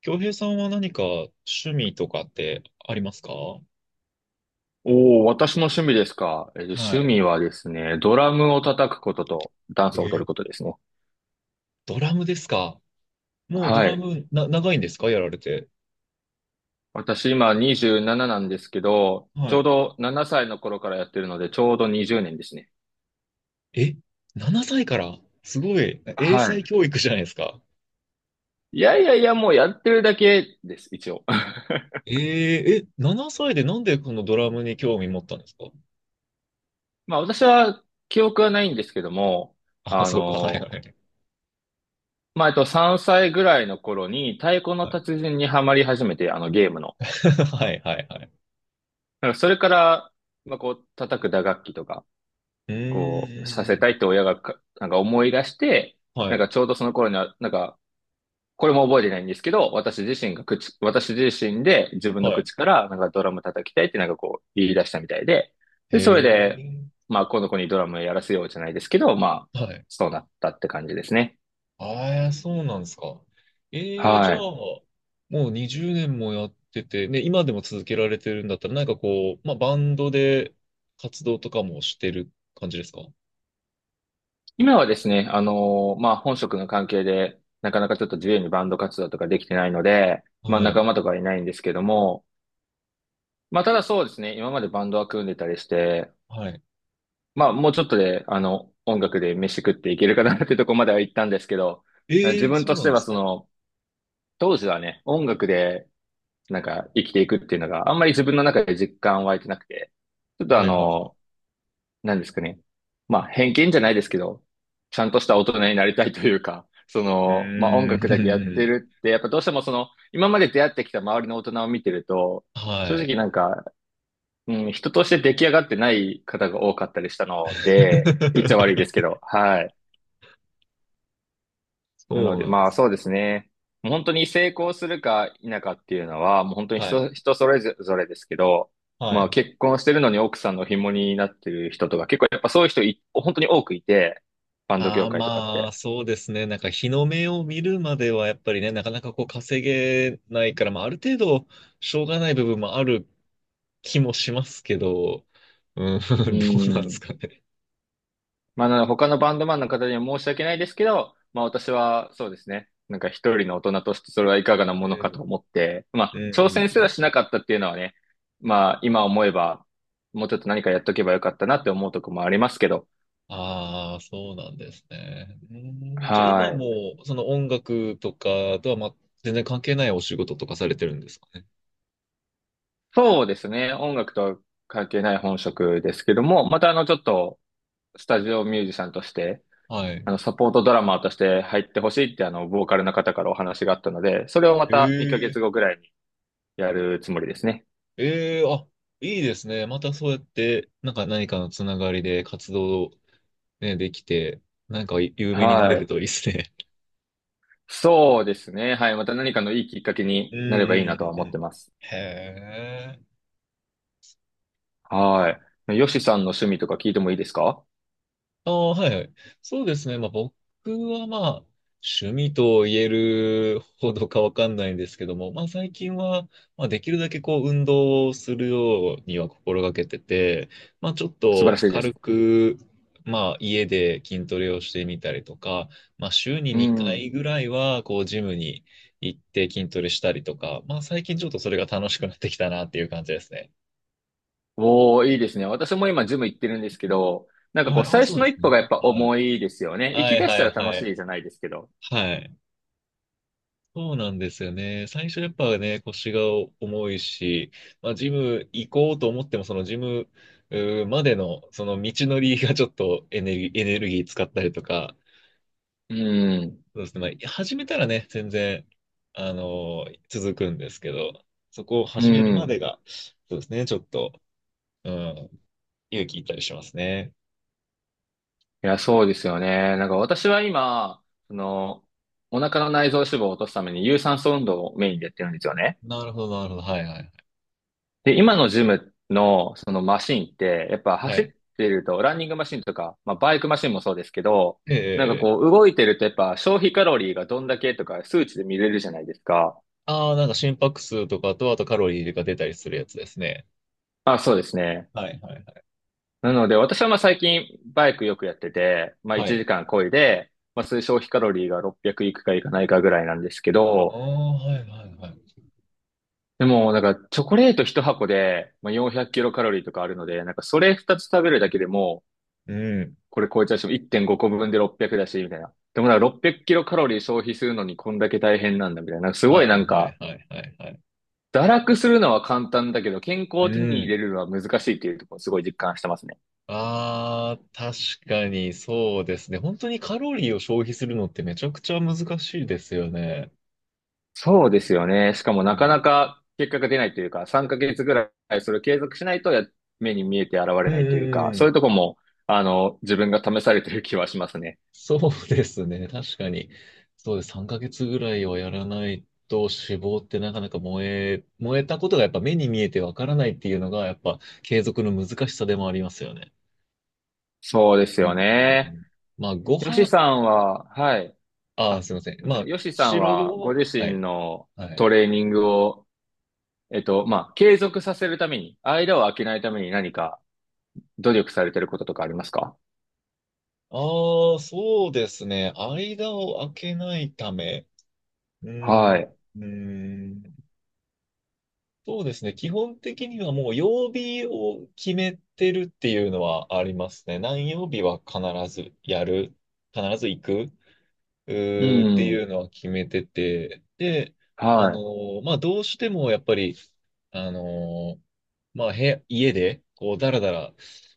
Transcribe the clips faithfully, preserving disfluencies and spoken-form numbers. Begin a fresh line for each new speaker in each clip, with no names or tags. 京平さんは何か趣味とかってありますか？は
おお、私の趣味ですか。えー趣
い。
味はですね、ドラムを叩くこととダンスを
え
踊る
ー
ことですね。
ドラムですか？もうド
は
ラ
い。
ムな、長いんですかやられて？
私今にじゅうなななななんですけど、ち
は
ょう
い。
どななさいの頃からやってるので、ちょうどにじゅうねんですね。
え、ななさいからすごい。英
は
才
い。
教育じゃないですか。
いやいやいや、もうやってるだけです、一応。
えー、え、ななさいでなんでこのドラムに興味持ったんですか？
まあ私は記憶はないんですけども、
あ、
あ
そうか。はいは
の、
い。
まあえっとさんさいぐらいの頃に太鼓の
はい
達人にハマり始めて、あのゲームの。
はいはいはい。
なんかそれから、まあこう叩く打楽器とか、
う
こう、さ
ー
せ
ん。
たいって親がか、なんか思い出して、
は
なん
い。
かちょうどその頃には、なんか、これも覚えてないんですけど、私自身が口、私自身で自分の
はい。
口から、なんかドラム叩きたいってなんかこう言い出したみたいで、
へ
で、それで、
え。
まあ、この子にドラムやらせようじゃないですけど、まあ、
はい。
そうなったって感じですね。
ああ、そうなんですか。ええ、じゃ
は
あ、
い。
もうにじゅうねんもやってて、ね、今でも続けられてるんだったら、なんかこう、まあ、バンドで活動とかもしてる感じですか？
今はですね、あのーまあ、本職の関係で、なかなかちょっと自由にバンド活動とかできてないので、まあ、
はい。
仲間とかいないんですけども、まあ、ただそうですね、今までバンドは組んでたりして、
はい。
まあ、もうちょっとで、あの、音楽で飯食っていけるかなっていうところまでは行ったんですけど、
え
自
え、
分
そう
とし
なん
て
で
は
す
そ
か。
の、当時はね、音楽で、なんか生きていくっていうのがあんまり自分の中で実感湧いてなくて、ちょっとあ
はい、はい、は
の、何ですかね。まあ、偏見じゃないですけど、ちゃんとした大人になりたいというか、そ
い。う
の、まあ音楽だけやっ
ー
て
ん。
るって、やっぱどうしてもその、今まで出会ってきた周りの大人を見てると、
は
正直
い。
なんか、うん、人として出来上がってない方が多かったりしたので、言っちゃ悪いですけ ど、はい。なの
そう
で、
なんで
まあ
す。
そうですね。もう本当に成功するか否かっていうのは、もう本当に
はい。
人、人それぞれですけど、
は
ま
い。
あ結婚してるのに奥さんの紐になってる人とか、結構やっぱそういう人い、本当に多くいて、バンド
あ
業
あ、
界とかっ
まあ、
て。
そうですね。なんか日の目を見るまでは、やっぱりね、なかなかこう稼げないから、まあ、ある程度、しょうがない部分もある気もしますけど、うん。
う
どうなんです
ん。
かね。
まあ、なので他のバンドマンの方には申し訳ないですけど、まあ私はそうですね、なんか一人の大人としてそれはいかがな
う
ものか
ん、
と思って、ま
うん、
あ
う
挑
ん
戦
う
すらしな
ん。
かったっていうのはね、まあ今思えば、もうちょっと何かやっとけばよかったなって思うとこもありますけど、
ああ、そうなんですね。うん。じゃあ今
はい。
も、その音楽とかとは、ま、全然関係ないお仕事とかされてるんですかね。
そうですね、音楽とは関係ない本職ですけども、またあのちょっとスタジオミュージシャンとして、
はい。
あのサポートドラマーとして入ってほしいってあのボーカルの方からお話があったので、それをま
え
た2ヶ
え、
月後ぐらいにやるつもりですね。
ええ、あ、いいですね。またそうやって、なんか何かのつながりで活動、ね、できて、なんか有名になれ
は
る
い。
といいですね。
そうですね。はい。また何かのいいきっかけ
うん、
になればいいな
う
とは
ん、うん
思
う
って
ん。
ます。
へえ。
はい。ヨシさんの趣味とか聞いてもいいですか？
ああ、はいはい。そうですね。まあ僕はまあ趣味と言えるほどかわかんないんですけども、まあ最近は、まあ、できるだけこう運動をするようには心がけてて、まあちょっ
素晴ら
と
しいで
軽
す。
く、まあ家で筋トレをしてみたりとか、まあ週に
う
2
ん。
回ぐらいはこうジムに行って筋トレしたりとか、まあ最近ちょっとそれが楽しくなってきたなっていう感じですね。
おー、いいですね。私も今ジム行ってるんですけど、なんかこ
はい。
う
ああ、
最
そう
初
なん
の
で
一
すね。
歩がやっぱ
はい。
重いですよね。行
は
き
い
出し
は
たら
い
楽
はい。
しいじゃないですけど。
はい。そうなんですよね。最初やっぱね、腰が重いし、まあ、ジム行こうと思っても、そのジムうーまでの、その道のりがちょっとエネルギー、エネルギー使ったりとか、
うん。
そうですね。まあ、始めたらね、全然、あのー続くんですけど、そこを
う
始めるまで
ん。
が、そうですね、ちょっと、うん、勇気いったりしますね。
いや、そうですよね。なんか私は今、その、お腹の内臓脂肪を落とすために有酸素運動をメインでやってるんですよね。
なるほど、なるほど。はいはい。
で、今のジムのそのマシンって、やっぱ
は
走っ
い。
てると、ランニングマシンとか、まあ、バイクマシンもそうですけど、なんか
ええ。
こう動いてるとやっぱ消費カロリーがどんだけとか数値で見れるじゃないですか。
ああー、なんか心拍数とかと、あとカロリーが出たりするやつですね。
あ、そうですね。
はいはいはい。
なので私はまあ最近バイクよくやってて、まあ
は
1
い。
時間漕いで、まあそういう消費カロリーがろっぴゃくいくかいかないかぐらいなんですけ
ああ、
ど、
はいはいはい。
でもなんかチョコレートひと箱で、まあ、よんひゃくキロカロリーとかあるので、なんかそれふたつ食べるだけでも
うん。
これ超えちゃうし、いってんごこぶんでろっぴゃくだし、みたいな。でもなんかろっぴゃくキロカロリー消費するのにこんだけ大変なんだ、みたいな。なんかすごい
は
な
い
ん
は
か、
いはいはいはい。
堕落するのは簡単だけど、健康
う
を手に入れ
ん。
るのは難しいっていうところをすごい実感してますね。
ああ、確かにそうですね。本当にカロリーを消費するのってめちゃくちゃ難しいですよね。
そうですよね。しかも
う
な
ん
かな
う
か結果が出ないというか、さんかげつぐらいそれを継続しないとや目に見えて現
ん
れ
う
ないというか、
んう
そういう
ん。
とこも、あの、自分が試されてる気はしますね。
そうですね。確かに。そうです。さんかげつぐらいはやらないと脂肪ってなかなか燃え、燃えたことがやっぱ目に見えてわからないっていうのがやっぱ継続の難しさでもありますよね。
そうです
う
よ
ん。
ね。
まあご
よし
飯、
さんは、はい。
ああ、
あ、
すいませ
す
ん。
み
ま
ませ
あ、
ん。ヨシさん
白
はご
ご、
自
は
身
い、
の
は
ト
い。
レーニングを、えっと、まあ、継続させるために、間を空けないために何か努力されてることとかありますか？
ああ、そうですね。間を空けないため。うーん、
は
う
い。
ーん。そうですね。基本的にはもう曜日を決めてるっていうのはありますね。何曜日は必ずやる。必ず行く。う
う
ーってい
ん。
うのは決めてて、で、あの
は
ーまあ、どうしてもやっぱり、あのーまあ、部屋、家で、こう、だらだら、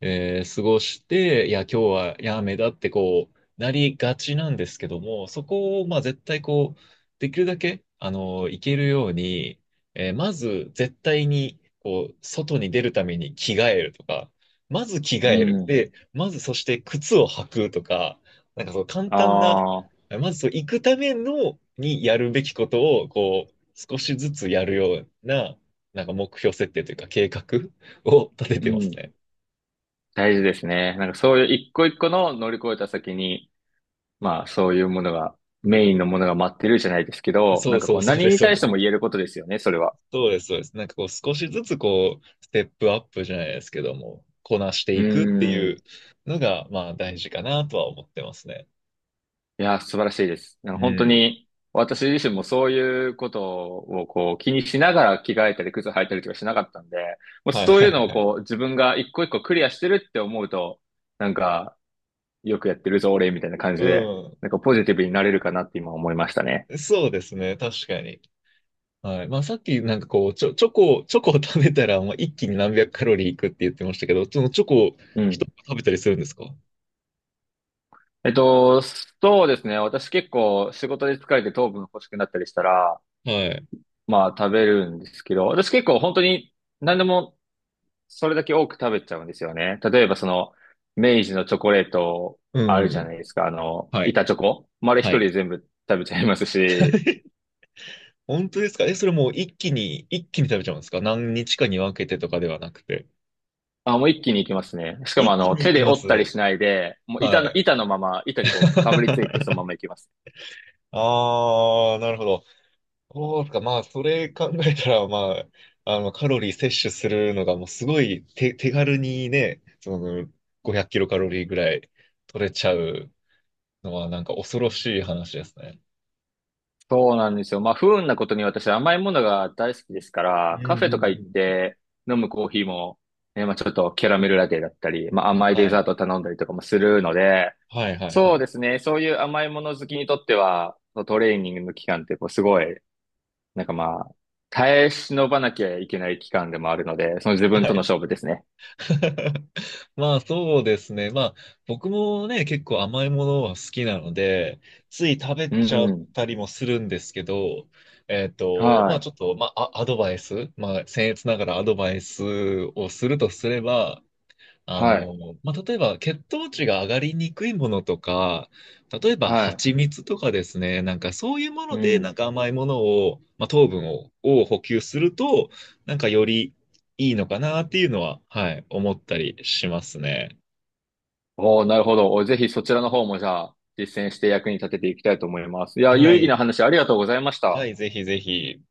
えー過ごして、いや、今日はやめだって、こう、なりがちなんですけども、そこを、まあ、絶対、こう、できるだけ、あのーいけるように、えーまず、絶対に、こう、外に出るために着替えるとか、まず着替
い。う
える。
ん。
で、まず、そして靴を履くとか、なんかそう簡単な
ああ、
まずそう、行くためのにやるべきことを、こう、少しずつやるような、なんか目標設定というか計画を 立て
う
てます
ん。
ね。
大事ですね。なんかそういう一個一個の乗り越えた先に、まあ、そういうものが、メインのものが待ってるじゃないですけど、
そ
な
う
んか
そ
こ
う、
う、
そうで
何
す、
に
そう
対して
です。
も言えることですよね、それは。
そうです、そうです。なんかこう、少しずつこう、ステップアップじゃないですけども、こなして
う
いくってい
ん。
うのが、まあ、大事かなとは思ってますね。
いや、素晴らしいです。なん
う
か本当
ん。
に、私自身もそういうことをこう気にしながら着替えたり靴履いたりとかしなかったんで、もう
はい、
そう
は
いう
い、
のを
はい。
こう自分が一個一個クリアしてるって思うと、なんか、よくやってるぞ、俺、みたいな感じで、
う
なんかポジティブになれるかなって今思いましたね。
ん。そうですね、確かに。はい。まあ、さっきなんかこう、チョ、チョコ、チョコを食べたら、まあ、一気に何百カロリーいくって言ってましたけど、そのチョコを
うん。
一つ食べたりするんですか？は
えっと、そうですね。私結構仕事で疲れて糖分欲しくなったりしたら、
い。
まあ食べるんですけど、私結構本当に何でもそれだけ多く食べちゃうんですよね。例えばその、明治のチョコレート
う
あ
んう
る
ん
じ
う
ゃない
ん。
ですか。あの、
はい。
板チョコ。丸一
は
人
い。
で全部食べちゃいますし、
本当ですか？え、それもう一気に、一気に食べちゃうんですか？何日かに分けてとかではなくて。
あ、もう一気にいきますね。しかも
一
あ
気
の、
にい
手
き
で
ま
折ったり
す。
しないで、もう板
は
の、
い。
板のまま、板にこう、かぶりついてそのま まいきます。
ああ、なるほど。そうですか。まあ、それ考えたら、まあ、あの、カロリー摂取するのが、もうすごい手、手軽にね、その、ごひゃくキロカロリーぐらい取れちゃうのは、なんか恐ろしい話ですね。
そうなんですよ。まあ、不運なことに私甘いものが大好きですか
うん
ら、カ
う
フ
ん
ェ
う
とか行っ
ん。
て飲むコーヒーも、ね、まあちょっとキャラメルラテだったり、まあ甘いデ
は
ザー
い。
ト頼んだりとかもするので、
はいはいは
そう
い。
ですね。そういう甘いもの好きにとっては、そのトレーニングの期間ってこうすごい、なんかまあ、耐え忍ばなきゃいけない期間でもあるので、その自
は
分との
い。
勝負ですね。
まあそうですね。まあ僕もね、結構甘いものは好きなので、つい食べ
う
ちゃっ
ん。
たりもするんですけど、えっと、ま
は
あ
い。
ちょっと、まああアドバイス、まあ僭越ながらアドバイスをするとすれば、あ
はい。
の、まあ、例えば血糖値が上がりにくいものとか、例えば
はい。
蜂蜜とかですね、なんかそういうも
う
ので、なん
ん。
か甘いものを、まあ、糖分を、を補給すると、なんかよりいいのかなっていうのは、はい、思ったりしますね。
おー、なるほど。おぜひそちらの方もじゃあ、実践して役に立てていきたいと思います。いや、有
は
意義な
い。
話ありがとうございまし
は
た。
い、ぜひぜひ。